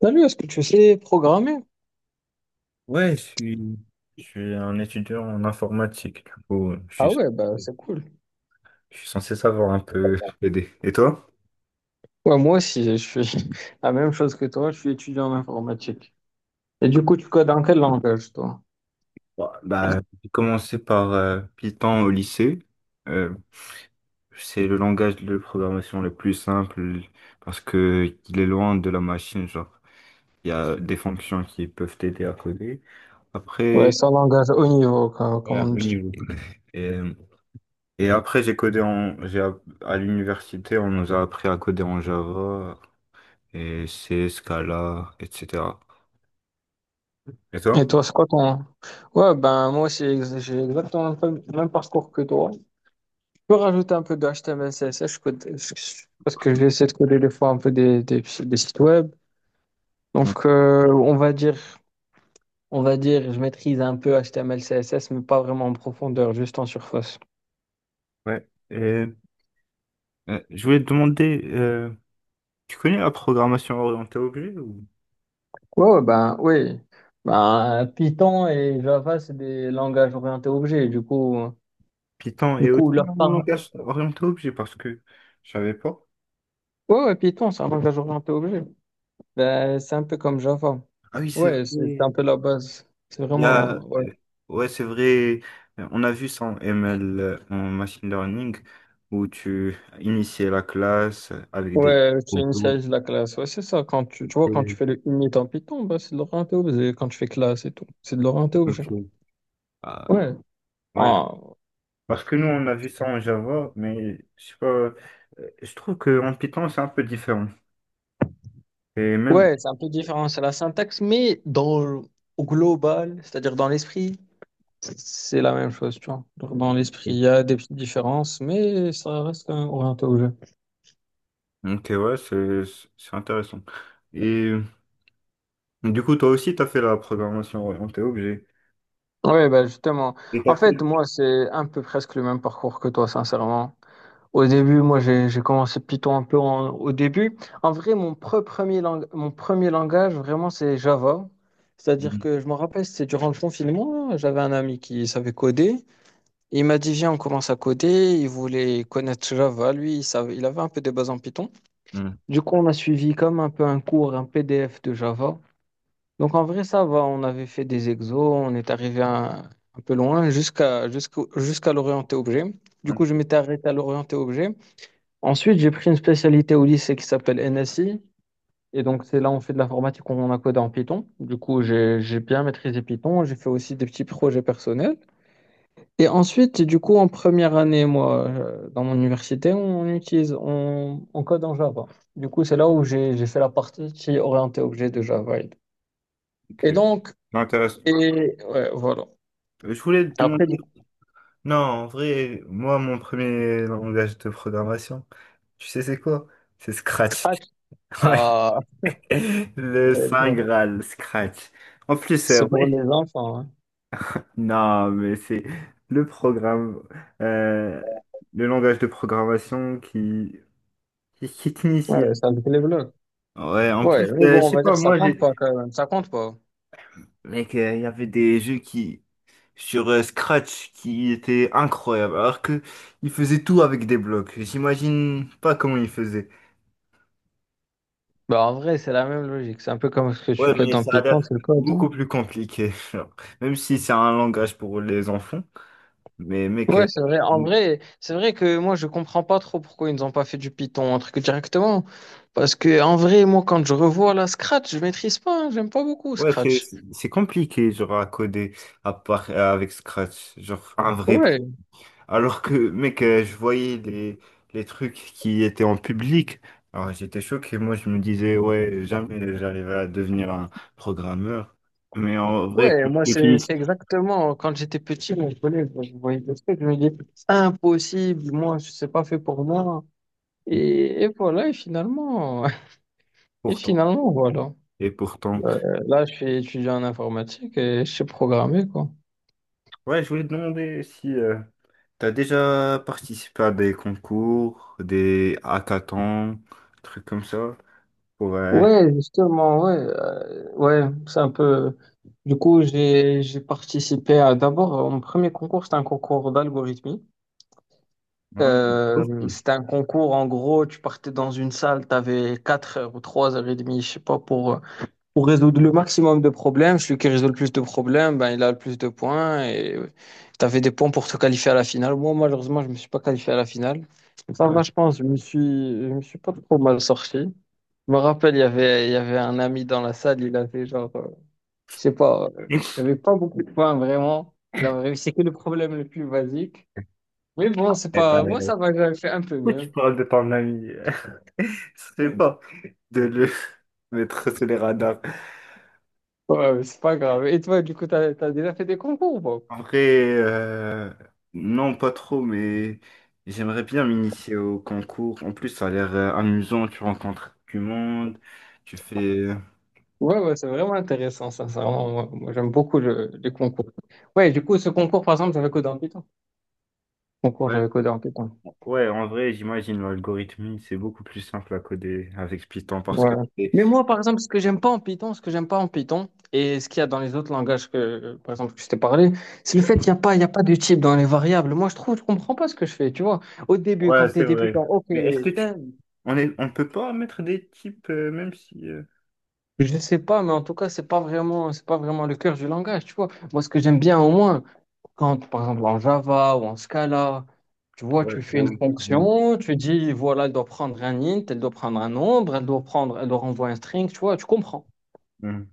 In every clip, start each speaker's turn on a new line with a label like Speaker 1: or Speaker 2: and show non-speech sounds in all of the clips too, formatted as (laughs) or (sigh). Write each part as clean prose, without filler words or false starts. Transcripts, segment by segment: Speaker 1: Salut, est-ce que tu sais programmer?
Speaker 2: Ouais, je suis un étudiant en informatique, du coup,
Speaker 1: Ah ouais, bah c'est cool.
Speaker 2: je suis censé savoir un peu (laughs) aider. Et toi?
Speaker 1: Ouais, moi aussi, je suis (laughs) la même chose que toi, je suis étudiant en informatique. Et du coup, tu codes en quel langage, toi?
Speaker 2: Bah, j'ai commencé par Python au lycée. Euh, c'est le langage de programmation le plus simple parce que il est loin de la machine, genre. Il y a des fonctions qui peuvent t'aider à coder.
Speaker 1: Ouais,
Speaker 2: Après,
Speaker 1: c'est un langage haut niveau, comme
Speaker 2: ouais,
Speaker 1: on
Speaker 2: au
Speaker 1: dit.
Speaker 2: niveau. Et, et après, j'ai codé en, j'ai, app- à l'université, on nous a appris à coder en Java, et c'est Scala, etc. Et
Speaker 1: Et
Speaker 2: toi?
Speaker 1: toi, c'est quoi ton... Ouais, ben moi aussi, j'ai exactement le même parcours que toi. Je peux rajouter un peu de HTML, CSS, je code... parce que j'essaie de coder des fois un peu des sites web.
Speaker 2: Mm.
Speaker 1: Donc, on va dire, je maîtrise un peu HTML, CSS, mais pas vraiment en profondeur, juste en surface.
Speaker 2: Ouais. Et, je voulais te demander, tu connais la programmation orientée objet ou
Speaker 1: Ouais, ouais, ben oui. Ben, Python et Java, c'est des langages orientés objets. Du coup,
Speaker 2: Python
Speaker 1: du
Speaker 2: est aussi
Speaker 1: coup leur
Speaker 2: un
Speaker 1: par...
Speaker 2: langage orienté objet parce que je savais pas.
Speaker 1: ouais, ouais, Python, c'est un langage orienté objet. Ben, c'est un peu comme Java.
Speaker 2: Ah oui, c'est vrai.
Speaker 1: Ouais, c'est
Speaker 2: Il
Speaker 1: un peu la base. C'est
Speaker 2: y a,
Speaker 1: vraiment. Ouais,
Speaker 2: ouais, c'est vrai. On a vu ça en ML, en machine learning, où tu initiais la classe avec des.
Speaker 1: ouais tu
Speaker 2: Ok,
Speaker 1: initialises la classe. Ouais, c'est ça. Quand tu vois, quand tu fais le init en Python, ben, c'est de l'orienté objet. Quand tu fais classe et tout, c'est de l'orienté objet.
Speaker 2: ok. Ah,
Speaker 1: Ouais.
Speaker 2: ouais,
Speaker 1: Ah,
Speaker 2: Parce que nous, on a vu ça en Java, mais je sais pas, je trouve qu'en Python, c'est un peu différent. Et même,
Speaker 1: ouais, c'est un peu différent. C'est la syntaxe, mais dans, au global, c'est-à-dire dans l'esprit. C'est la même chose, tu vois. Donc, dans l'esprit,
Speaker 2: euh,
Speaker 1: il y a des petites différences, mais ça reste quand même orienté au jeu.
Speaker 2: ok, ouais, c'est intéressant. Et du coup, toi aussi, tu as fait la programmation orientée objet.
Speaker 1: Oui, bah justement.
Speaker 2: Et t'as
Speaker 1: En
Speaker 2: fait...
Speaker 1: fait, moi, c'est un peu presque le même parcours que toi, sincèrement. Au début, moi, j'ai commencé Python un peu au début. En vrai, mon premier langage, vraiment, c'est Java. C'est-à-dire
Speaker 2: Mhm.
Speaker 1: que je me rappelle, c'était durant le confinement, j'avais un ami qui savait coder. Il m'a dit, viens, on commence à coder. Il voulait connaître Java. Lui, il savait, il avait un peu des bases en Python.
Speaker 2: Mhm.
Speaker 1: Du coup, on a suivi comme un peu un cours, un PDF de Java. Donc, en vrai, ça va. On avait fait des exos, on est arrivé un peu loin jusqu'à l'orienté objet. Du coup, je
Speaker 2: Ok,
Speaker 1: m'étais arrêté à l'orienté objet. Ensuite, j'ai pris une spécialité au lycée qui s'appelle NSI. Et donc, c'est là où on fait de l'informatique, on a codé en Python. Du coup, j'ai bien maîtrisé Python. J'ai fait aussi des petits projets personnels. Et ensuite, du coup, en première année, moi, dans mon université, on code en Java. Du coup, c'est là où j'ai fait la partie orientée objet de Java.
Speaker 2: ok.
Speaker 1: Et donc,
Speaker 2: C'est intéressant.
Speaker 1: et ouais, voilà.
Speaker 2: Je voulais te
Speaker 1: Après,
Speaker 2: demander...
Speaker 1: du coup,
Speaker 2: Non, en vrai, moi, mon premier langage de programmation, tu sais c'est quoi? C'est Scratch.
Speaker 1: Scratch,
Speaker 2: (laughs) Ouais.
Speaker 1: ah,
Speaker 2: Le
Speaker 1: ouais, je-
Speaker 2: Saint Graal, Scratch. En plus,
Speaker 1: c'est pour
Speaker 2: ouais,
Speaker 1: les enfants, hein.
Speaker 2: Non, mais c'est le programme, euh, le langage de programmation qui t'initie.
Speaker 1: Ouais, c'est avec les blocs.
Speaker 2: Ouais, en
Speaker 1: Ouais,
Speaker 2: plus,
Speaker 1: mais
Speaker 2: je
Speaker 1: bon, on
Speaker 2: sais
Speaker 1: va dire
Speaker 2: pas,
Speaker 1: que ça
Speaker 2: moi,
Speaker 1: compte
Speaker 2: j'ai...
Speaker 1: pas quand même. Ça compte pas.
Speaker 2: Mec, il y avait des jeux qui, sur Scratch qui étaient incroyables, alors que ils faisaient tout avec des blocs. J'imagine pas comment ils faisaient.
Speaker 1: Bah, en vrai, c'est la même logique. C'est un peu comme ce que tu
Speaker 2: Ouais,
Speaker 1: codes
Speaker 2: mais
Speaker 1: dans
Speaker 2: ça a
Speaker 1: Python,
Speaker 2: l'air
Speaker 1: c'est le code.
Speaker 2: beaucoup plus compliqué, (laughs) genre. Même si c'est un langage pour les enfants, mais mec, euh,
Speaker 1: Ouais, c'est vrai. En vrai, c'est vrai que moi, je comprends pas trop pourquoi ils nous ont pas fait du Python, un truc directement. Parce que, en vrai, moi, quand je revois la Scratch, je maîtrise pas, hein, j'aime pas beaucoup
Speaker 2: Ouais,
Speaker 1: Scratch.
Speaker 2: c'est compliqué, genre, à coder à part, avec Scratch, genre, un vrai pro.
Speaker 1: Ouais,
Speaker 2: Alors que, mec, je voyais les trucs qui étaient en public, alors j'étais choqué, moi, je me disais, ouais, jamais j'arriverai à devenir un programmeur. Mais en vrai,
Speaker 1: ouais, moi,
Speaker 2: c'est fini.
Speaker 1: c'est exactement quand j'étais petit, mon collègue, je voyais des trucs, je me dis, impossible, moi, c'est pas fait pour moi. Et voilà, et finalement, (laughs) et
Speaker 2: Pourtant,
Speaker 1: finalement, voilà.
Speaker 2: et pourtant.
Speaker 1: Euh, là, je suis étudiant en informatique et je sais programmer, quoi.
Speaker 2: Ouais, je voulais te demander si tu as déjà participé à des concours, des hackathons, trucs comme ça, pour...
Speaker 1: Ouais, justement, ouais, ouais, c'est un peu. Du coup, j'ai participé à d'abord mon premier concours, c'était un concours d'algorithmie.
Speaker 2: ouais, aussi.
Speaker 1: C'était un concours, en gros, tu partais dans une salle, tu avais 4 heures ou 3 heures et demie, je sais pas, pour résoudre le maximum de problèmes. Celui qui résout le plus de problèmes, ben, il a le plus de points et tu avais des points pour te qualifier à la finale. Moi, malheureusement, je me suis pas qualifié à la finale. Mais ça va, je pense, je me suis pas trop mal sorti. Je me rappelle, il y avait un ami dans la salle, il avait genre, je sais pas, il
Speaker 2: (laughs)
Speaker 1: avait pas beaucoup de points vraiment. Il avait réussi que le problème le plus basique. Mais bon, c'est
Speaker 2: Eh, t'as
Speaker 1: pas, moi
Speaker 2: raison.
Speaker 1: ça va, j'avais fait un peu
Speaker 2: Pourquoi tu
Speaker 1: mieux.
Speaker 2: parles de ton ami? (laughs) Ce serait pas de le (laughs) mettre sur les radars.
Speaker 1: Ouais, mais c'est pas grave. Et toi, du coup, t'as déjà fait des concours ou pas?
Speaker 2: En vrai, non, pas trop, mais j'aimerais bien m'initier au concours. En plus, ça a l'air amusant. Tu rencontres du monde, tu fais. euh,
Speaker 1: Ouais, ouais, c'est vraiment intéressant, sincèrement. Moi, moi, j'aime beaucoup les concours. Ouais, du coup, ce concours, par exemple, j'avais codé en Python. Concours,
Speaker 2: Ouais,
Speaker 1: j'avais codé en Python.
Speaker 2: ouais, en vrai, j'imagine l'algorithme, c'est beaucoup plus simple à coder avec Python parce
Speaker 1: Ouais.
Speaker 2: que c'est-
Speaker 1: Mais moi, par exemple, ce que j'aime pas en Python, et ce qu'il y a dans les autres langages que, par exemple, que je t'ai parlé, c'est le fait qu'il n'y a pas, il y a pas de type dans les variables. Moi, je trouve, je comprends pas ce que je fais, tu vois. Au début,
Speaker 2: Ouais,
Speaker 1: quand
Speaker 2: c'est
Speaker 1: t'es
Speaker 2: vrai.
Speaker 1: débutant, ok,
Speaker 2: Mais est-ce que tu.
Speaker 1: tain,
Speaker 2: On est... on peut pas mettre des types, même si.
Speaker 1: je sais pas, mais en tout cas, c'est pas vraiment le cœur du langage, tu vois. Moi, ce que j'aime bien au moins, quand, par exemple, en Java ou en Scala, tu vois,
Speaker 2: Ouais,
Speaker 1: tu
Speaker 2: c'est
Speaker 1: fais une
Speaker 2: vrai.
Speaker 1: fonction, tu dis, voilà, elle doit prendre un int, elle doit prendre un nombre, elle doit prendre, elle doit renvoyer un string, tu vois, tu comprends.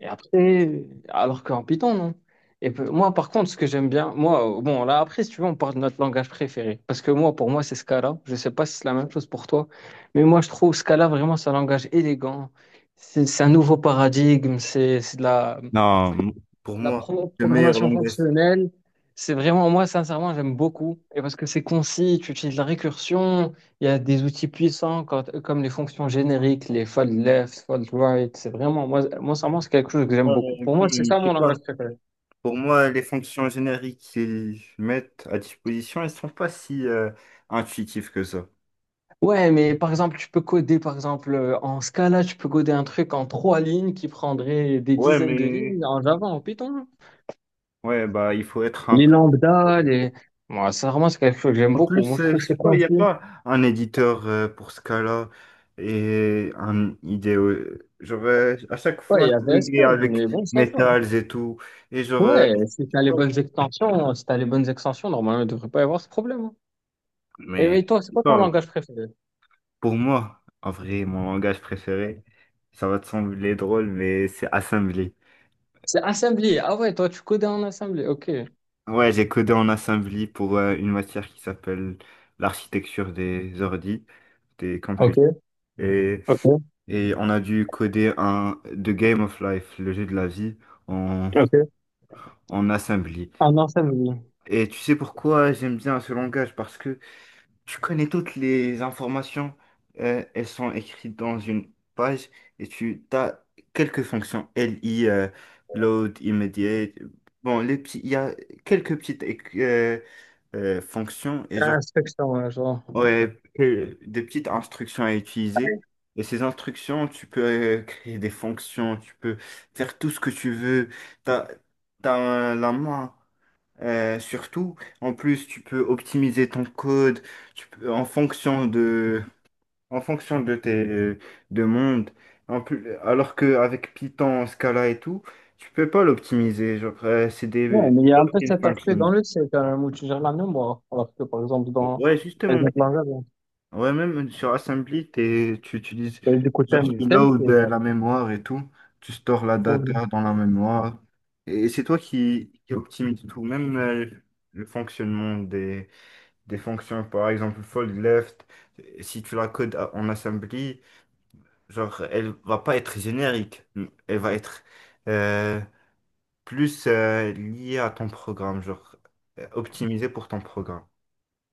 Speaker 1: Et après, alors qu'en Python, non. Et moi, par contre, ce que j'aime bien, moi, bon, là, après, si tu veux, on parle de notre langage préféré. Parce que moi, pour moi, c'est Scala. Je sais pas si c'est la même chose pour toi. Mais moi, je trouve Scala vraiment, c'est un langage élégant. C'est un nouveau paradigme. C'est de la,
Speaker 2: Non, Pour moi, le meilleur
Speaker 1: programmation
Speaker 2: langage.
Speaker 1: fonctionnelle, c'est vraiment, moi, sincèrement, j'aime beaucoup. Et parce que c'est concis, tu utilises la récursion, il y a des outils puissants comme les fonctions génériques, les fold left, fold right. C'est vraiment, moi, moi, sincèrement, c'est quelque chose que j'aime
Speaker 2: Ouais,
Speaker 1: beaucoup.
Speaker 2: mais
Speaker 1: Pour
Speaker 2: quand
Speaker 1: moi, c'est
Speaker 2: même,
Speaker 1: ça
Speaker 2: je sais
Speaker 1: mon
Speaker 2: pas.
Speaker 1: langage préféré.
Speaker 2: Pour moi, les fonctions génériques qu'ils mettent à disposition, elles sont pas si intuitives que ça.
Speaker 1: Ouais, mais par exemple, tu peux coder, par exemple, en Scala, tu peux coder un truc en trois lignes qui prendrait des
Speaker 2: Ouais,
Speaker 1: dizaines de
Speaker 2: mais
Speaker 1: lignes en Java, en Python.
Speaker 2: ouais, bah il faut être un
Speaker 1: Les
Speaker 2: pro.
Speaker 1: lambda, les. Moi, sincèrement, c'est quelque chose que j'aime
Speaker 2: En
Speaker 1: beaucoup.
Speaker 2: plus,
Speaker 1: Moi, je
Speaker 2: je
Speaker 1: trouve que
Speaker 2: sais
Speaker 1: c'est
Speaker 2: pas, il n'y a
Speaker 1: concis.
Speaker 2: pas un éditeur pour ce cas-là et un idéo. Genre, à chaque
Speaker 1: Ouais, il
Speaker 2: fois,
Speaker 1: y
Speaker 2: c'est
Speaker 1: avait
Speaker 2: bugué
Speaker 1: SQL,
Speaker 2: avec
Speaker 1: mais bon, ça va.
Speaker 2: Metals et tout. Et genre,
Speaker 1: Ouais,
Speaker 2: je
Speaker 1: si
Speaker 2: sais
Speaker 1: t'as les
Speaker 2: pas.
Speaker 1: bonnes extensions, si t'as les bonnes extensions, normalement, il devrait pas y avoir ce problème, hein. Et
Speaker 2: Mais
Speaker 1: mais toi, c'est
Speaker 2: je sais
Speaker 1: quoi ton
Speaker 2: pas.
Speaker 1: langage préféré?
Speaker 2: Pour moi, en vrai, mon langage préféré, ça va te sembler drôle, mais c'est assembly.
Speaker 1: C'est Assembly. Ah ouais, toi, tu codais en Assembly. Ok.
Speaker 2: Ouais, j'ai codé en assembly pour une matière qui s'appelle l'architecture des ordi, des computers.
Speaker 1: Ok,
Speaker 2: Et,
Speaker 1: ok,
Speaker 2: et on a dû coder un The Game of Life, le jeu de la vie, en,
Speaker 1: ok.
Speaker 2: en assembly.
Speaker 1: En Assembly.
Speaker 2: Et tu sais pourquoi j'aime bien ce langage? Parce que tu connais toutes les informations, elles sont écrites dans une page et tu as quelques fonctions, LI, load, immediate. Bon, les petits, il y a quelques petites euh, fonctions et genre,
Speaker 1: Inspection, ouais, genre.
Speaker 2: ouais, des petites instructions à utiliser. Et ces instructions, tu peux créer des fonctions, tu peux faire tout ce que tu veux. T'as, t'as la main. Surtout, en plus, tu peux optimiser ton code tu peux, en fonction de tes de En plus, alors qu'avec Python, Scala et tout, tu peux pas l'optimiser. Genre, c'est
Speaker 1: Ouais,
Speaker 2: des
Speaker 1: mais il y a un peu
Speaker 2: built-in
Speaker 1: cet aspect dans
Speaker 2: functions.
Speaker 1: le C, quand même, où tu gères la mémoire. Alors que, par exemple, dans
Speaker 2: Ouais,
Speaker 1: les
Speaker 2: justement.
Speaker 1: autres langages, hein,
Speaker 2: Ouais, même sur Assembly, tu utilises,
Speaker 1: et du coup,
Speaker 2: genre,
Speaker 1: thème,
Speaker 2: tu
Speaker 1: thème, c'est...
Speaker 2: load la mémoire et tout. Tu stores la
Speaker 1: Assembly.
Speaker 2: data dans la mémoire. Et c'est toi qui optimise tout, même le fonctionnement des fonctions, par exemple fold left, si tu la codes à- en assembly, genre elle va pas être générique, elle va être euh, plus liée à ton programme, genre optimisée pour ton programme.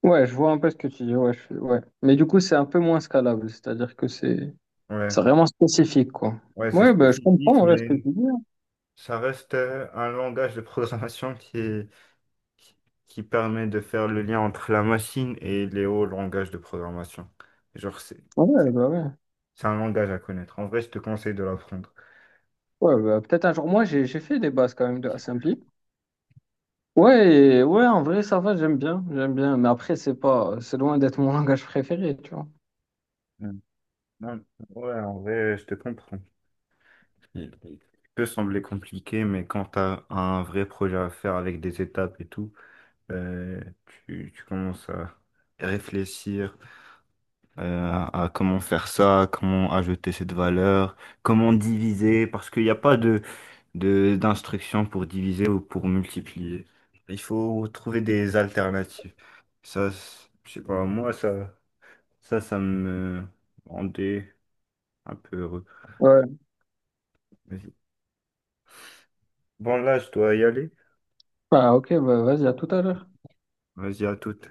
Speaker 1: Ouais, je vois un peu ce que tu dis. Ouais, ouais. Mais du coup, c'est un peu moins scalable. C'est-à-dire que c'est
Speaker 2: Ouais,
Speaker 1: vraiment spécifique, quoi.
Speaker 2: ouais, c'est
Speaker 1: Ouais, bah, je comprends
Speaker 2: spécifique,
Speaker 1: en vrai, ce que tu
Speaker 2: mais
Speaker 1: dis, hein.
Speaker 2: ça reste un langage de programmation qui est- qui qui permet de faire le lien entre la machine et les hauts langages de programmation. Genre c'est
Speaker 1: Ouais,
Speaker 2: c'est-
Speaker 1: bah ouais.
Speaker 2: c'est un langage à connaître. En vrai, je te conseille de l'apprendre.
Speaker 1: Ouais, bah, peut-être un jour. Moi, j'ai fait des bases quand même de Assembly. Ouais, ouais, en vrai, ça va, j'aime bien, j'aime bien. Mais après, c'est pas, c'est loin d'être mon (laughs) langage préféré, tu vois.
Speaker 2: Non, ouais, en vrai, je te comprends. Il peut sembler compliqué, mais quand tu as un vrai projet à faire avec des étapes et tout, euh, tu commences à réfléchir à comment faire ça, comment ajouter cette valeur, comment diviser, parce qu'il n'y a pas d'instruction pour diviser ou pour multiplier. Il faut trouver des alternatives. Ça, je sais pas, moi, ça me rendait un peu heureux.
Speaker 1: Ouais.
Speaker 2: Bon, là, je dois y aller.
Speaker 1: Bah, ok, bah, vas-y, à tout à l'heure.
Speaker 2: Vas-y, à toute.